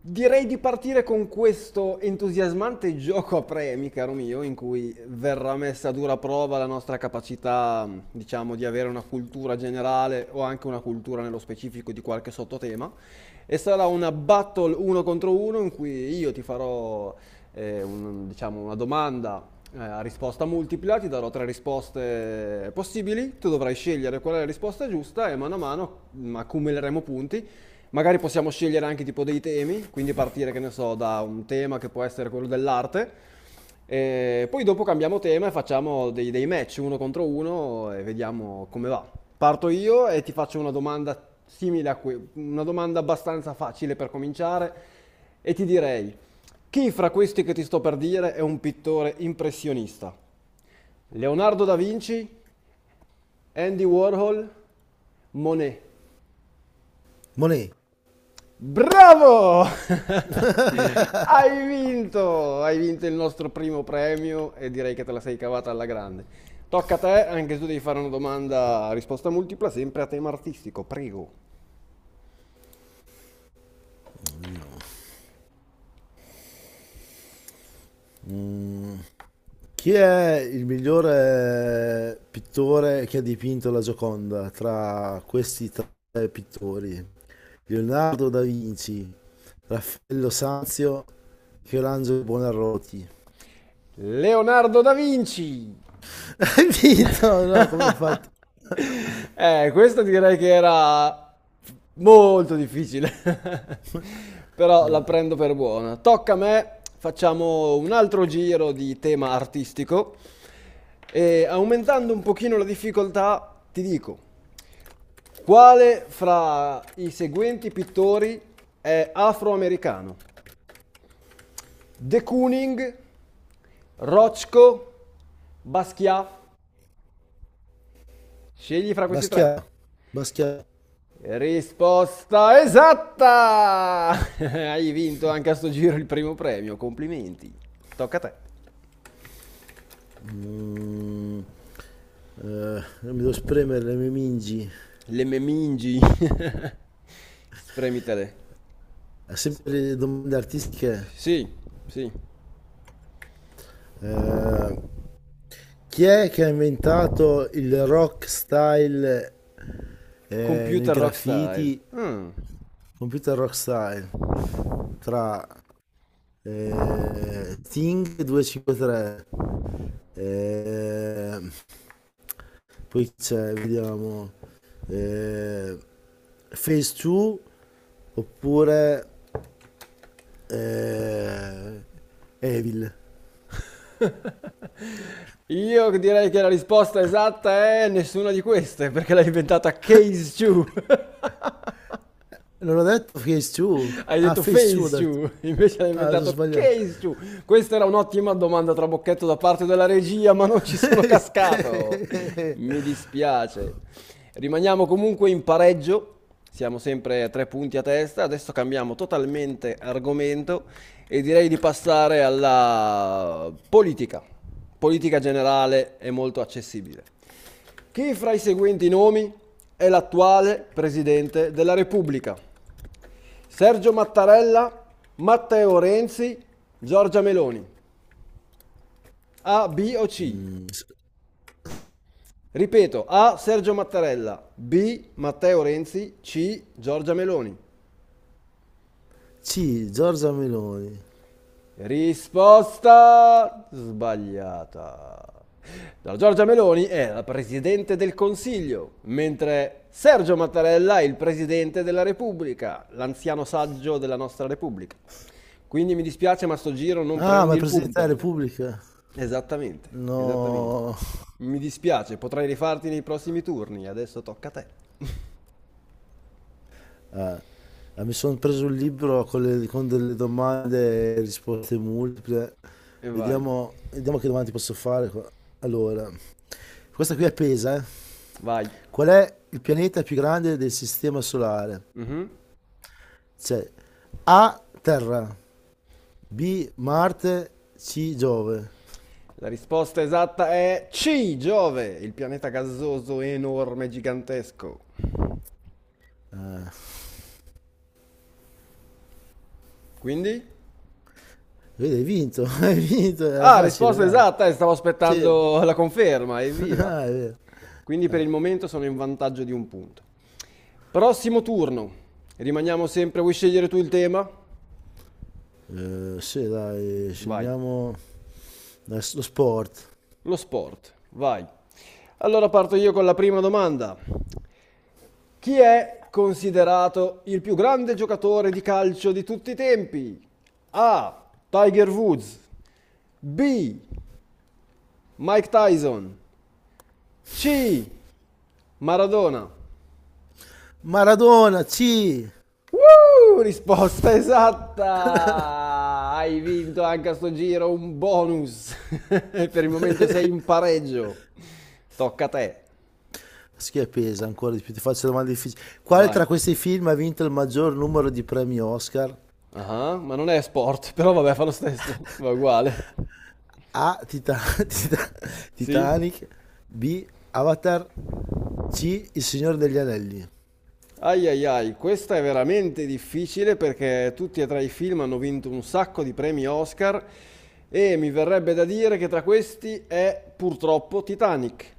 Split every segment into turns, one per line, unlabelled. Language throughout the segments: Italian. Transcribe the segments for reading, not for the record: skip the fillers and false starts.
Direi di partire con questo entusiasmante gioco a premi, caro mio, in cui verrà messa a dura prova la nostra capacità, diciamo, di avere una cultura generale o anche una cultura nello specifico di qualche sottotema. E sarà una battle uno contro uno in cui io ti farò, una domanda a risposta multipla, ti darò tre risposte possibili, tu dovrai scegliere qual è la risposta giusta e mano a mano accumuleremo punti. Magari possiamo scegliere anche tipo dei temi, quindi partire, che ne so, da un tema che può essere quello dell'arte. E poi dopo cambiamo tema e facciamo dei match uno contro uno e vediamo come va. Parto io e ti faccio una domanda simile a que- una domanda abbastanza facile per cominciare e ti direi, chi fra questi che ti sto per dire è un pittore impressionista? Leonardo da Vinci, Andy Warhol, Monet.
Molegno.
Bravo! Hai vinto! Hai vinto il nostro primo premio e direi che te la sei cavata alla grande. Tocca a te, anche se tu devi fare una domanda a risposta multipla, sempre a tema artistico, prego.
Mm, Chi è il migliore pittore che ha dipinto la Gioconda tra questi tre pittori? Leonardo da Vinci, Raffaello Sanzio, Michelangelo Buonarroti.
Leonardo da Vinci!
Hai vinto? No, come hai fatto?
Questa direi che era molto difficile, però la prendo per buona. Tocca a me, facciamo un altro giro di tema artistico e, aumentando un pochino la difficoltà, ti dico, quale fra i seguenti pittori è afroamericano? De Kooning, Rothko, Basquiat? Scegli fra questi
Baschià.
tre.
Baschià.
Risposta esatta! Hai vinto anche a sto giro il primo premio, complimenti. Tocca a te.
Mm, eh, non mi devo spremere le mie mingi.
Le memingi. Spremitele.
Sempre domande artistiche.
Sì, sì.
Eh, Chi è che ha inventato il rock style nel
Computer rock style.
graffiti,
Mm.
computer rock style, tra Thing 253, eh, poi c'è, vediamo, eh, Phase 2 oppure eh, Evil.
Io direi che la risposta esatta è nessuna di queste, perché l'ha inventata Case Chew.
Non ho detto Phase 2?
Hai
Ah,
detto
Phase 2 ho
face
detto.
you, invece hai
Ah, mi sono
inventato
sbagliato.
case you. Questa era un'ottima domanda trabocchetto da parte della regia, ma non ci sono cascato. Mi dispiace. Rimaniamo comunque in pareggio. Siamo sempre a tre punti a testa. Adesso cambiamo totalmente argomento e direi di passare alla politica. Politica generale è molto accessibile. Chi fra i seguenti nomi è l'attuale presidente della Repubblica? Sergio Mattarella, Matteo Renzi, Giorgia Meloni. A, B o C?
Mm,
Ripeto, A Sergio Mattarella, B Matteo Renzi, C Giorgia Meloni.
sì, Giorgia Meloni.
Risposta sbagliata. La Giorgia Meloni è la Presidente del Consiglio, mentre Sergio Mattarella è il Presidente della Repubblica, l'anziano saggio della nostra Repubblica. Quindi mi dispiace, ma sto giro non
Ah, ma
prendi
è
il
Presidente
punto.
della Repubblica?
Esattamente, esattamente.
No.
Mi dispiace, potrai rifarti nei prossimi turni, adesso tocca a te.
Ah, ah, mi sono preso un libro con delle domande e risposte multiple.
E vai,
Vediamo, vediamo che domande ti posso fare qua. Allora, questa qui è pesa, eh.
vai.
Qual è il pianeta più grande del sistema solare?
Mhm.
C'è A, Terra, B, Marte, C, Giove.
La risposta esatta è C, Giove, il pianeta gassoso enorme, gigantesco. Quindi?
Vedi, hai vinto, hai vinto, era
Ah,
facile,
risposta
dai.
esatta e stavo
Sì,
aspettando la conferma, evviva.
ah, è vero.
Quindi per il momento sono in vantaggio di un punto. Prossimo turno. Rimaniamo sempre, vuoi scegliere tu il tema?
Sì, dai,
Vai.
scegliamo lo sport.
Lo sport, vai. Allora parto io con la prima domanda. Chi è considerato il più grande giocatore di calcio di tutti i tempi? A. Tiger Woods. B. Mike Tyson. C. Maradona.
Maradona, sì!
Woo! Risposta esatta! Hai vinto anche a sto giro un bonus. Per il momento sei in pareggio. Tocca a te.
Schiappesa, ancora di più, ti faccio domande difficili. Quale
Vai.
tra questi film ha vinto il maggior numero di premi Oscar?
Ah, ma non è sport, però vabbè, fa lo stesso, va uguale.
A. Tita-
Sì?
Titanic. B. Avatar. C. Il Signore degli Anelli.
Ai ai ai, questa è veramente difficile perché tutti e tre i film hanno vinto un sacco di premi Oscar e mi verrebbe da dire che tra questi è purtroppo Titanic.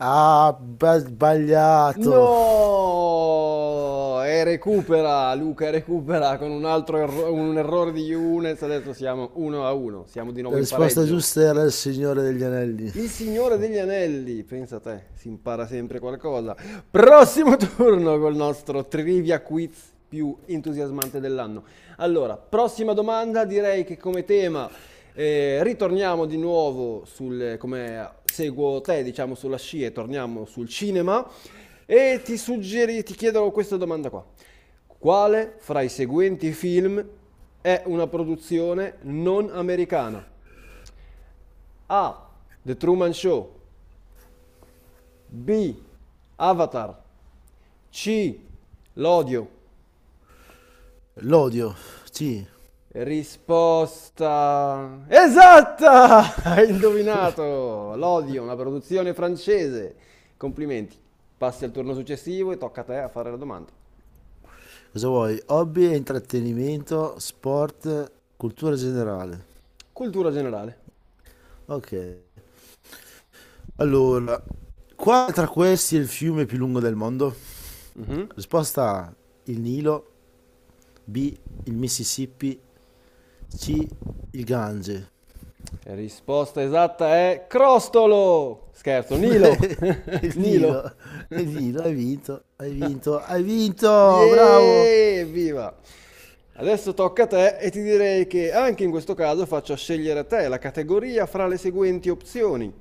Ah, sbagliato.
No! E recupera, Luca recupera con un errore di Younes, adesso siamo 1 a 1, siamo di nuovo
La
in
risposta
pareggio.
giusta era il Signore degli Anelli.
Il Signore degli Anelli, pensa a te, si impara sempre qualcosa. Prossimo turno col nostro trivia quiz più entusiasmante dell'anno. Allora, prossima domanda, direi che come tema ritorniamo di nuovo sul, come seguo te, diciamo sulla scia e torniamo sul cinema e ti chiedo questa domanda qua. Quale fra i seguenti film è una produzione non americana? A. The Truman Show. B. Avatar. C. L'odio.
L'odio. Sì.
Risposta esatta! Hai indovinato! L'odio, una produzione francese. Complimenti. Passi al turno successivo e tocca a te a fare la domanda.
Cosa vuoi? Hobby e intrattenimento, sport, cultura generale.
Cultura generale.
Ok. Allora, quale tra questi è il fiume più lungo del mondo?
Mhm.
Risposta A, il Nilo, B, il Mississippi, C, il Gange.
Risposta esatta è Crostolo! Scherzo, Nilo.
Il Nilo,
Nilo.
il Nilo, hai vinto, hai vinto, hai vinto, bravo.
Yeee, evviva! Adesso tocca a te e ti direi che anche in questo caso faccio scegliere a te la categoria fra le seguenti opzioni: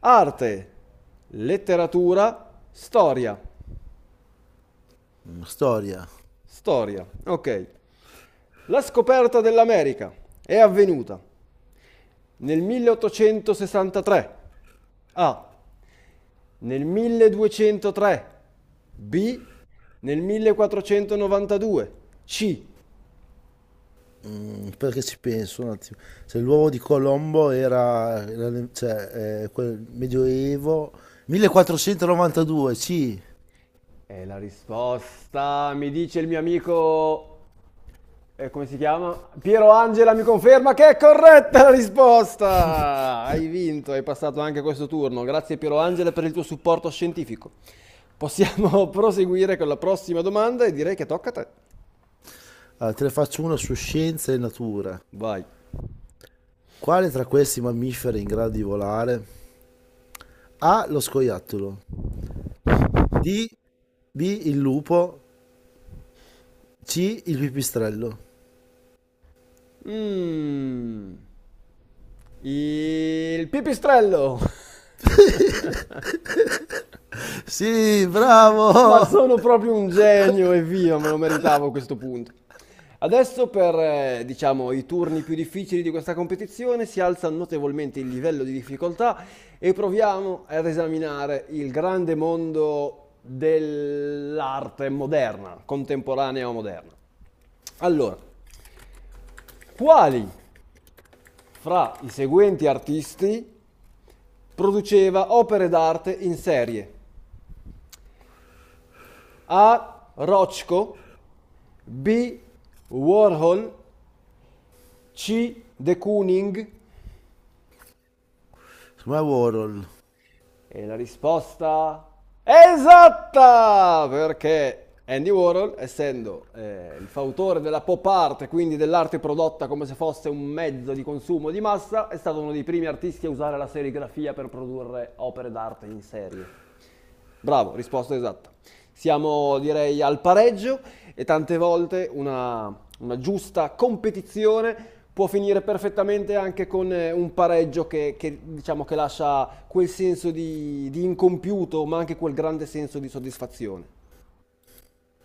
arte, letteratura, storia.
Storia.
Storia, ok. La scoperta dell'America è avvenuta nel 1863. A. Nel 1203. B. Nel 1492. C.
Perché ci penso un attimo. Se l'uovo di Colombo era cioè, quel medioevo 1492, sì.
E la risposta mi dice il mio amico, come si chiama? Piero Angela mi conferma che è corretta la risposta! Hai vinto, hai passato anche questo turno. Grazie Piero Angela per il tuo supporto scientifico. Possiamo proseguire con la prossima domanda e direi che tocca a te.
Ah, te ne faccio una su scienza e natura.
Vai.
Quale tra questi mammiferi è in grado di volare? A. Lo scoiattolo. D. B. Il lupo. C. Il pipistrello.
Mm. Il pipistrello.
Sì,
Ma
bravo!
sono proprio un genio, evviva, me lo meritavo a questo punto. Adesso per, diciamo, i turni più difficili di questa competizione si alza notevolmente il livello di difficoltà e proviamo ad esaminare il grande mondo dell'arte moderna, contemporanea o moderna. Allora, quali fra i seguenti artisti produceva opere d'arte in serie? A. Rochko. B. Warhol. C. De Kooning.
Secondo me è Warhol.
E la risposta è esatta! Perché Andy Warhol, essendo il fautore della pop art, e quindi dell'arte prodotta come se fosse un mezzo di consumo di massa, è stato uno dei primi artisti a usare la serigrafia per produrre opere d'arte in serie. Bravo, risposta esatta. Siamo direi al pareggio e tante volte una giusta competizione può finire perfettamente anche con un pareggio che, diciamo, che lascia quel senso di incompiuto, ma anche quel grande senso di soddisfazione.